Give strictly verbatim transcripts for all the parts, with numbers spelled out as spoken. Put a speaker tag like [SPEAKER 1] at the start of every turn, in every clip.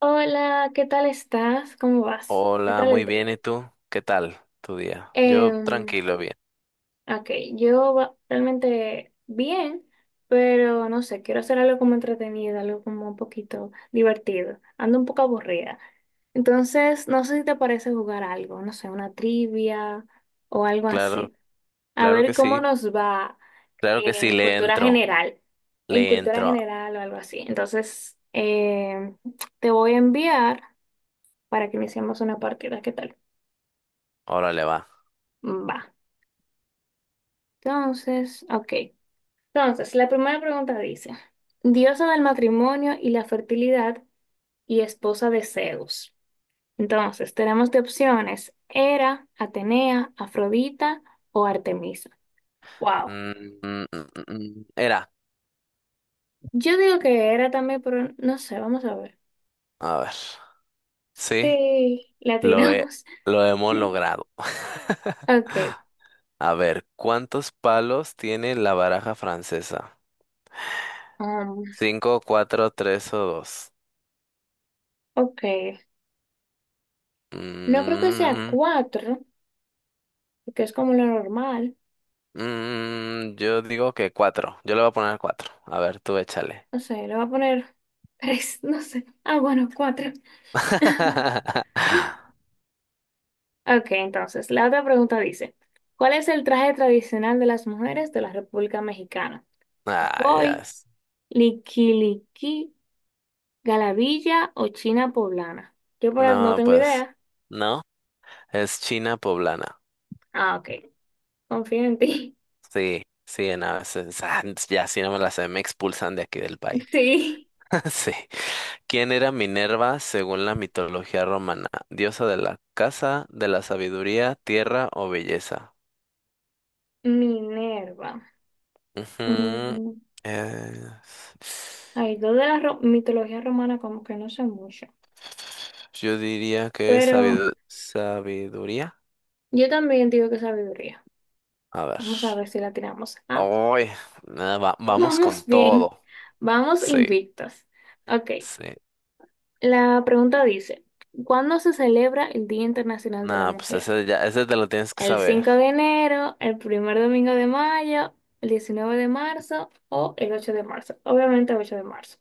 [SPEAKER 1] Hola, ¿qué tal estás? ¿Cómo vas? ¿Qué
[SPEAKER 2] Hola,
[SPEAKER 1] tal el
[SPEAKER 2] muy bien.
[SPEAKER 1] día?
[SPEAKER 2] ¿Y tú? ¿Qué tal tu día? Yo
[SPEAKER 1] Em,
[SPEAKER 2] tranquilo, bien.
[SPEAKER 1] ok, yo va- realmente bien, pero no sé, quiero hacer algo como entretenido, algo como un poquito divertido. Ando un poco aburrida. Entonces, no sé si te parece jugar algo, no sé, una trivia o algo
[SPEAKER 2] Claro,
[SPEAKER 1] así. A
[SPEAKER 2] claro
[SPEAKER 1] ver
[SPEAKER 2] que
[SPEAKER 1] cómo
[SPEAKER 2] sí.
[SPEAKER 1] nos va
[SPEAKER 2] Claro que sí,
[SPEAKER 1] en
[SPEAKER 2] le
[SPEAKER 1] cultura
[SPEAKER 2] entro.
[SPEAKER 1] general, en
[SPEAKER 2] Le
[SPEAKER 1] cultura
[SPEAKER 2] entro.
[SPEAKER 1] general o algo así. Entonces, em, te voy a enviar para que iniciemos una partida. ¿Qué tal?
[SPEAKER 2] Órale, va.
[SPEAKER 1] Va. Entonces, ok. Entonces, la primera pregunta dice, diosa del matrimonio y la fertilidad y esposa de Zeus. Entonces, tenemos de opciones Hera, Atenea, Afrodita o Artemisa. Wow.
[SPEAKER 2] Mm, mm, mm, mm, mm. Era.
[SPEAKER 1] Yo digo que Hera también, pero no sé, vamos a ver.
[SPEAKER 2] A ver. Sí,
[SPEAKER 1] Sí, la
[SPEAKER 2] lo he,
[SPEAKER 1] tiramos.
[SPEAKER 2] lo hemos logrado.
[SPEAKER 1] Ok.
[SPEAKER 2] A ver, ¿cuántos palos tiene la baraja francesa?
[SPEAKER 1] um,
[SPEAKER 2] ¿Cinco, cuatro, tres o dos?
[SPEAKER 1] ok. No creo que sea
[SPEAKER 2] Mm,
[SPEAKER 1] cuatro, que es como lo normal.
[SPEAKER 2] mm, yo digo que cuatro. Yo le voy a poner cuatro. A ver, tú échale.
[SPEAKER 1] No sé, le voy a poner tres, no sé. Ah, bueno, cuatro. Ok, entonces, la otra pregunta dice, ¿cuál es el traje tradicional de las mujeres de la República Mexicana?
[SPEAKER 2] Ah, ya.
[SPEAKER 1] ¿Hoy,
[SPEAKER 2] es-
[SPEAKER 1] liquiliqui, galavilla o china poblana? Yo por ahí no
[SPEAKER 2] No,
[SPEAKER 1] tengo
[SPEAKER 2] pues,
[SPEAKER 1] idea.
[SPEAKER 2] no. Es China poblana.
[SPEAKER 1] Ah, ok, confío en ti.
[SPEAKER 2] Sí, sí, no, es- es- ah, ya si no me la sé, me expulsan de aquí del país.
[SPEAKER 1] Sí,
[SPEAKER 2] Sí. ¿Quién era Minerva según la mitología romana? ¿Diosa de la casa, de la sabiduría, tierra o belleza?
[SPEAKER 1] Minerva.
[SPEAKER 2] Ujú,
[SPEAKER 1] Mm,
[SPEAKER 2] es-
[SPEAKER 1] ay, dos de la ro- mitología romana como que no sé mucho,
[SPEAKER 2] yo diría que es
[SPEAKER 1] pero
[SPEAKER 2] sabidu- sabiduría.
[SPEAKER 1] yo también digo que sabiduría.
[SPEAKER 2] A ver.
[SPEAKER 1] Vamos a ver si la tiramos. Ah,
[SPEAKER 2] Ay, nada, va- vamos con
[SPEAKER 1] vamos bien,
[SPEAKER 2] todo.
[SPEAKER 1] vamos
[SPEAKER 2] Sí,
[SPEAKER 1] invictos. Ok.
[SPEAKER 2] sí.
[SPEAKER 1] La pregunta dice, ¿cuándo se celebra el Día Internacional de la
[SPEAKER 2] No, pues
[SPEAKER 1] Mujer?
[SPEAKER 2] ese ya, ese te lo tienes que
[SPEAKER 1] ¿El
[SPEAKER 2] saber.
[SPEAKER 1] cinco de enero, el primer domingo de mayo, el diecinueve de marzo o el ocho de marzo? Obviamente el ocho de marzo.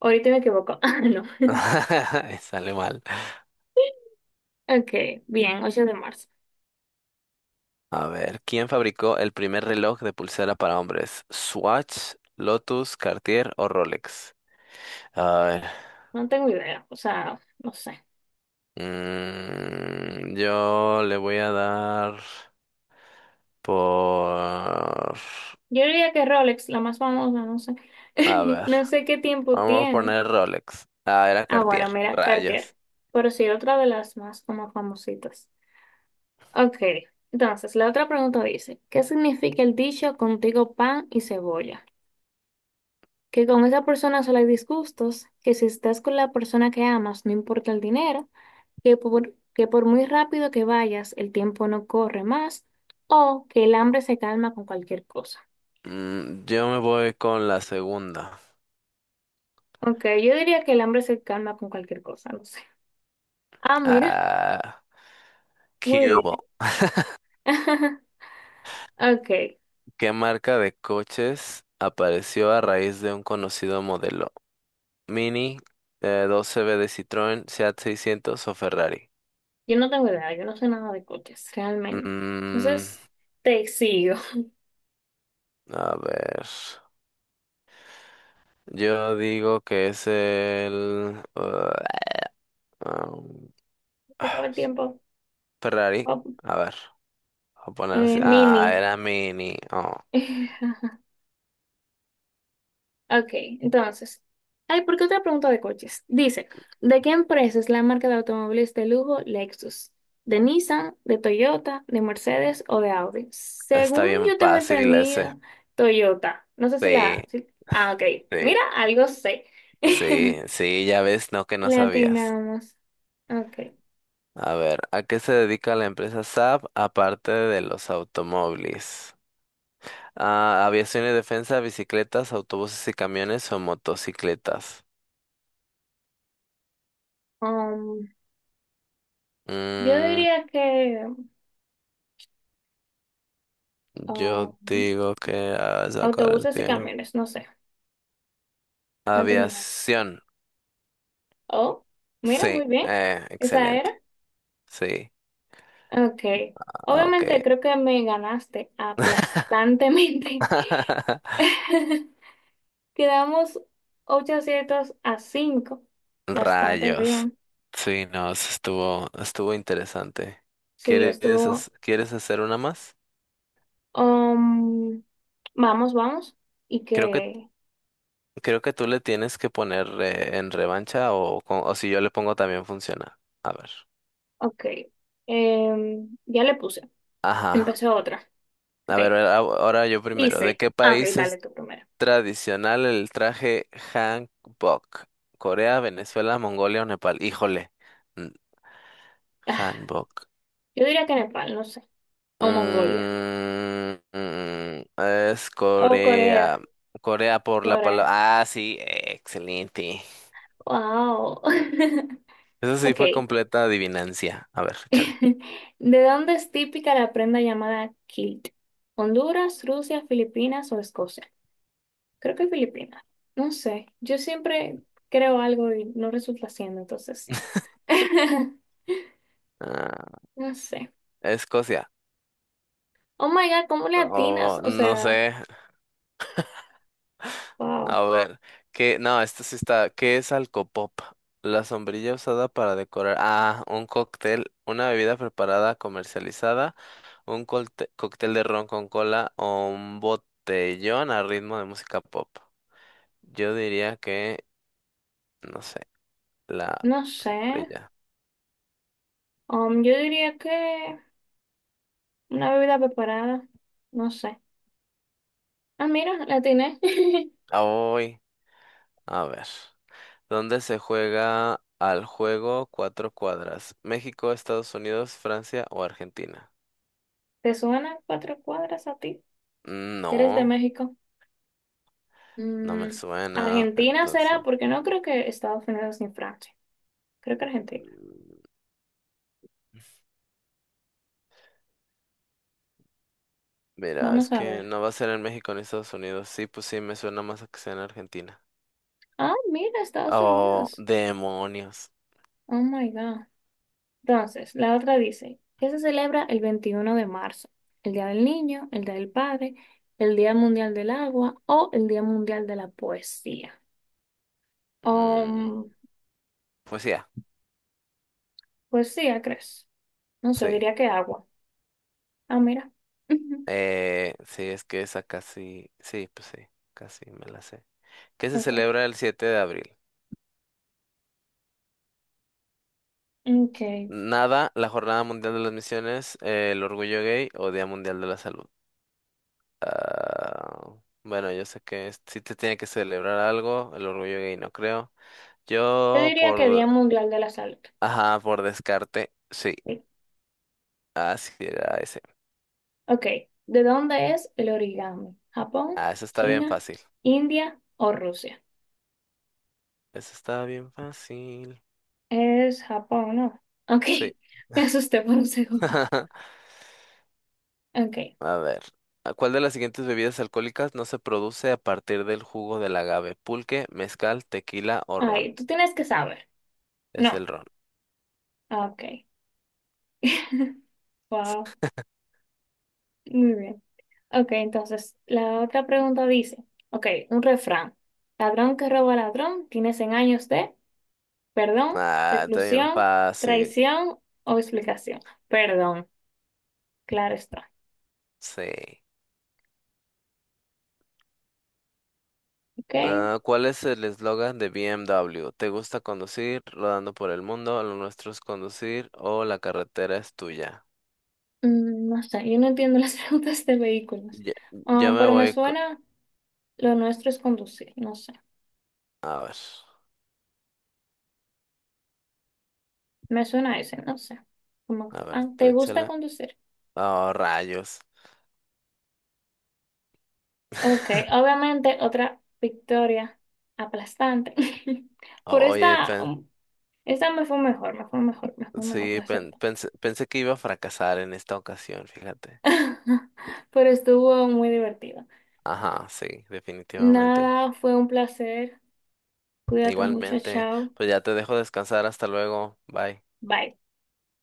[SPEAKER 1] Ahorita me equivoco. Ah, no.
[SPEAKER 2] Y sale mal.
[SPEAKER 1] Ok, bien, ocho de marzo.
[SPEAKER 2] A ver, ¿quién fabricó el primer reloj de pulsera para hombres? ¿Swatch, Lotus, Cartier o Rolex? A ver,
[SPEAKER 1] No tengo idea, o sea, no sé.
[SPEAKER 2] mm, yo le voy a dar por...
[SPEAKER 1] Yo diría que Rolex, la más famosa, no sé.
[SPEAKER 2] A ver,
[SPEAKER 1] No sé qué tiempo
[SPEAKER 2] vamos a
[SPEAKER 1] tiene.
[SPEAKER 2] poner Rolex. Ah, era
[SPEAKER 1] Ah, bueno,
[SPEAKER 2] Cartier.
[SPEAKER 1] mira, Cartier.
[SPEAKER 2] Rayos.
[SPEAKER 1] Pero sí, otra de las más como famositas. Ok, entonces la otra pregunta dice, ¿qué significa el dicho contigo pan y cebolla? Que con esa persona solo hay disgustos, que si estás con la persona que amas no importa el dinero, que por, que por muy rápido que vayas el tiempo no corre más, o que el hambre se calma con cualquier cosa.
[SPEAKER 2] Mm, yo me voy con la segunda.
[SPEAKER 1] Ok, yo diría que el hambre se calma con cualquier cosa, no sé. Ah, mira,
[SPEAKER 2] Ah,
[SPEAKER 1] muy bien.
[SPEAKER 2] Cube.
[SPEAKER 1] Ok,
[SPEAKER 2] ¿Qué marca de coches apareció a raíz de un conocido modelo? Mini, eh, doce B de Citroën, Seat seiscientos o Ferrari.
[SPEAKER 1] yo no tengo idea, yo no sé nada de coches, realmente.
[SPEAKER 2] Mm,
[SPEAKER 1] Entonces, te sigo.
[SPEAKER 2] a ver. Yo digo que es el... uh, um,
[SPEAKER 1] Se acaba
[SPEAKER 2] ah,
[SPEAKER 1] el tiempo.
[SPEAKER 2] Ferrari.
[SPEAKER 1] Oh,
[SPEAKER 2] A ver, a
[SPEAKER 1] eh,
[SPEAKER 2] ponerse. Ah,
[SPEAKER 1] mini.
[SPEAKER 2] era Mini. Oh,
[SPEAKER 1] Ok, entonces. Ay, ¿por qué otra pregunta de coches? Dice, ¿de qué empresa es la marca de automóviles de lujo Lexus? ¿De Nissan, de Toyota, de Mercedes o de Audi?
[SPEAKER 2] está
[SPEAKER 1] Según
[SPEAKER 2] bien
[SPEAKER 1] yo tengo
[SPEAKER 2] fácil ese.
[SPEAKER 1] entendido, Toyota. No sé si la...
[SPEAKER 2] Sí,
[SPEAKER 1] si- Ah, ok.
[SPEAKER 2] sí,
[SPEAKER 1] Mira, algo sé.
[SPEAKER 2] sí, sí, ya ves, no que no sabías.
[SPEAKER 1] Latinamos. Ok.
[SPEAKER 2] A ver, ¿a qué se dedica la empresa Saab aparte de los automóviles? Ah, aviación y defensa, bicicletas, autobuses y camiones o motocicletas.
[SPEAKER 1] Um, yo
[SPEAKER 2] Mm,
[SPEAKER 1] diría que
[SPEAKER 2] yo
[SPEAKER 1] um,
[SPEAKER 2] digo que ah, se va a sacar el
[SPEAKER 1] autobuses y
[SPEAKER 2] tiempo.
[SPEAKER 1] camiones, no sé. No entendí.
[SPEAKER 2] Aviación,
[SPEAKER 1] Oh, mira,
[SPEAKER 2] sí,
[SPEAKER 1] muy bien.
[SPEAKER 2] eh,
[SPEAKER 1] Esa
[SPEAKER 2] excelente,
[SPEAKER 1] era.
[SPEAKER 2] sí,
[SPEAKER 1] Ok.
[SPEAKER 2] ah, ok.
[SPEAKER 1] Obviamente creo que me ganaste aplastantemente. Quedamos ocho aciertos a cinco. Bastante
[SPEAKER 2] Rayos,
[SPEAKER 1] bien.
[SPEAKER 2] sí, no, eso estuvo, estuvo interesante.
[SPEAKER 1] Sí,
[SPEAKER 2] ¿Quieres,
[SPEAKER 1] estuvo.
[SPEAKER 2] hac- quieres hacer una más?
[SPEAKER 1] Um, vamos, vamos. Y
[SPEAKER 2] Creo que
[SPEAKER 1] que.
[SPEAKER 2] Creo que tú le tienes que poner eh, en revancha o, con- o si yo le pongo también funciona. A ver.
[SPEAKER 1] Ok. Em, ya le puse.
[SPEAKER 2] Ajá.
[SPEAKER 1] Empecé otra.
[SPEAKER 2] A
[SPEAKER 1] Ok.
[SPEAKER 2] ver, a- ahora yo primero. ¿De
[SPEAKER 1] Dice.
[SPEAKER 2] qué
[SPEAKER 1] Ah, ok,
[SPEAKER 2] país
[SPEAKER 1] dale
[SPEAKER 2] es
[SPEAKER 1] tú primero.
[SPEAKER 2] tradicional el traje hanbok? ¿Corea, Venezuela, Mongolia o Nepal? Híjole. mm,
[SPEAKER 1] Ah,
[SPEAKER 2] Hanbok.
[SPEAKER 1] yo diría que Nepal, no sé. O Mongolia.
[SPEAKER 2] Mm, mm, es
[SPEAKER 1] O Corea.
[SPEAKER 2] Corea. Corea por la
[SPEAKER 1] Corea.
[SPEAKER 2] palabra. Ah, sí, excelente.
[SPEAKER 1] Wow.
[SPEAKER 2] Eso sí
[SPEAKER 1] Ok.
[SPEAKER 2] fue completa adivinancia. A ver, échale.
[SPEAKER 1] ¿De dónde es típica la prenda llamada kilt? ¿Honduras, Rusia, Filipinas o Escocia? Creo que Filipinas. No sé. Yo siempre creo algo y no resulta siendo, entonces.
[SPEAKER 2] Ah,
[SPEAKER 1] No sé.
[SPEAKER 2] Escocia.
[SPEAKER 1] Oh my God, ¿cómo le
[SPEAKER 2] Oh,
[SPEAKER 1] atinas? O
[SPEAKER 2] no
[SPEAKER 1] sea,
[SPEAKER 2] sé. A
[SPEAKER 1] wow.
[SPEAKER 2] ver. ¿Qué? No, esto sí está. ¿Qué es Alcopop? La sombrilla usada para decorar. Ah, un cóctel, una bebida preparada, comercializada, un colte- cóctel de ron con cola o un botellón a ritmo de música pop. Yo diría que, no sé, la
[SPEAKER 1] No sé.
[SPEAKER 2] sombrilla.
[SPEAKER 1] Um, yo diría que una bebida preparada. No sé. Ah, mira, la atiné.
[SPEAKER 2] Hoy, a ver. ¿Dónde se juega al juego cuatro cuadras? ¿México, Estados Unidos, Francia o Argentina?
[SPEAKER 1] ¿Te suena cuatro cuadras a ti? ¿Que eres de
[SPEAKER 2] No.
[SPEAKER 1] México?
[SPEAKER 2] No me
[SPEAKER 1] Mm,
[SPEAKER 2] suena,
[SPEAKER 1] Argentina
[SPEAKER 2] entonces.
[SPEAKER 1] será, porque no creo que Estados Unidos ni Francia. Creo que Argentina.
[SPEAKER 2] Mm, mira, es
[SPEAKER 1] Vamos a
[SPEAKER 2] que
[SPEAKER 1] ver.
[SPEAKER 2] no va a ser en México ni Estados Unidos. Sí, pues sí, me suena más a que sea en Argentina.
[SPEAKER 1] Ah, mira, Estados
[SPEAKER 2] Oh,
[SPEAKER 1] Unidos.
[SPEAKER 2] demonios.
[SPEAKER 1] Oh my God. Entonces, la otra dice, ¿qué se celebra el veintiuno de marzo? ¿El Día del Niño, el Día del Padre, el Día Mundial del Agua o el Día Mundial de la Poesía?
[SPEAKER 2] Mm,
[SPEAKER 1] Um,
[SPEAKER 2] pues ya,
[SPEAKER 1] ¿Poesía, crees? No sé,
[SPEAKER 2] sí.
[SPEAKER 1] diría que agua. Ah, mira. Ujú.
[SPEAKER 2] Eh, sí, es que esa casi. Sí, pues sí, casi me la sé. ¿Qué se
[SPEAKER 1] Ok.
[SPEAKER 2] celebra el siete de abril?
[SPEAKER 1] Ok.
[SPEAKER 2] Nada, la Jornada Mundial de las Misiones, eh, el Orgullo Gay o Día Mundial de la Salud. Ah, bueno, yo sé que es- sí te tiene que celebrar algo, el Orgullo Gay no creo.
[SPEAKER 1] Yo
[SPEAKER 2] Yo
[SPEAKER 1] diría que
[SPEAKER 2] por,
[SPEAKER 1] Día Mundial de la Salud.
[SPEAKER 2] ajá, por descarte, sí,
[SPEAKER 1] Sí.
[SPEAKER 2] así era ese.
[SPEAKER 1] Ok, ¿de dónde es el origami? ¿Japón,
[SPEAKER 2] Ah, eso está bien
[SPEAKER 1] China,
[SPEAKER 2] fácil.
[SPEAKER 1] India o Rusia?
[SPEAKER 2] Eso está bien fácil.
[SPEAKER 1] Es Japón, ¿no? Ok,
[SPEAKER 2] Sí.
[SPEAKER 1] me asusté por un segundo. Ok,
[SPEAKER 2] A ver, ¿a ¿cuál de las siguientes bebidas alcohólicas no se produce a partir del jugo del agave? Pulque, mezcal, tequila o ron.
[SPEAKER 1] ay, tú tienes que saber.
[SPEAKER 2] Es el
[SPEAKER 1] No,
[SPEAKER 2] ron.
[SPEAKER 1] ok. Wow, muy bien. Ok, entonces la otra pregunta dice, ok, un refrán. Ladrón que roba a ladrón, tiene cien años de perdón,
[SPEAKER 2] Ah, está bien
[SPEAKER 1] reclusión,
[SPEAKER 2] fácil.
[SPEAKER 1] traición o explicación. Perdón, claro está.
[SPEAKER 2] Sí.
[SPEAKER 1] Ok.
[SPEAKER 2] Ah, ¿cuál es el eslogan de B M W? ¿Te gusta conducir, rodando por el mundo, lo nuestro es conducir o la carretera es tuya?
[SPEAKER 1] Mm, no sé, yo no entiendo las preguntas de vehículos.
[SPEAKER 2] Yo,
[SPEAKER 1] Ah,
[SPEAKER 2] yo me
[SPEAKER 1] pero me
[SPEAKER 2] voy con...
[SPEAKER 1] suena, lo nuestro es conducir, no sé.
[SPEAKER 2] A ver,
[SPEAKER 1] Me suena ese, no sé. Como,
[SPEAKER 2] a ver,
[SPEAKER 1] ah,
[SPEAKER 2] tú
[SPEAKER 1] ¿te gusta
[SPEAKER 2] échale.
[SPEAKER 1] conducir?
[SPEAKER 2] Oh, rayos.
[SPEAKER 1] Ok, obviamente otra victoria aplastante. Por
[SPEAKER 2] Oye,
[SPEAKER 1] esta,
[SPEAKER 2] pen-
[SPEAKER 1] um, esta me fue mejor, me fue mejor, me fue mejor,
[SPEAKER 2] sí,
[SPEAKER 1] la
[SPEAKER 2] pen-
[SPEAKER 1] acepto.
[SPEAKER 2] pensé, pensé que iba a fracasar en esta ocasión, fíjate.
[SPEAKER 1] Pero estuvo muy divertido.
[SPEAKER 2] Ajá, sí, definitivamente.
[SPEAKER 1] Nada, fue un placer. Cuídate mucho,
[SPEAKER 2] Igualmente,
[SPEAKER 1] chao.
[SPEAKER 2] pues ya te dejo descansar, hasta luego, bye.
[SPEAKER 1] Bye.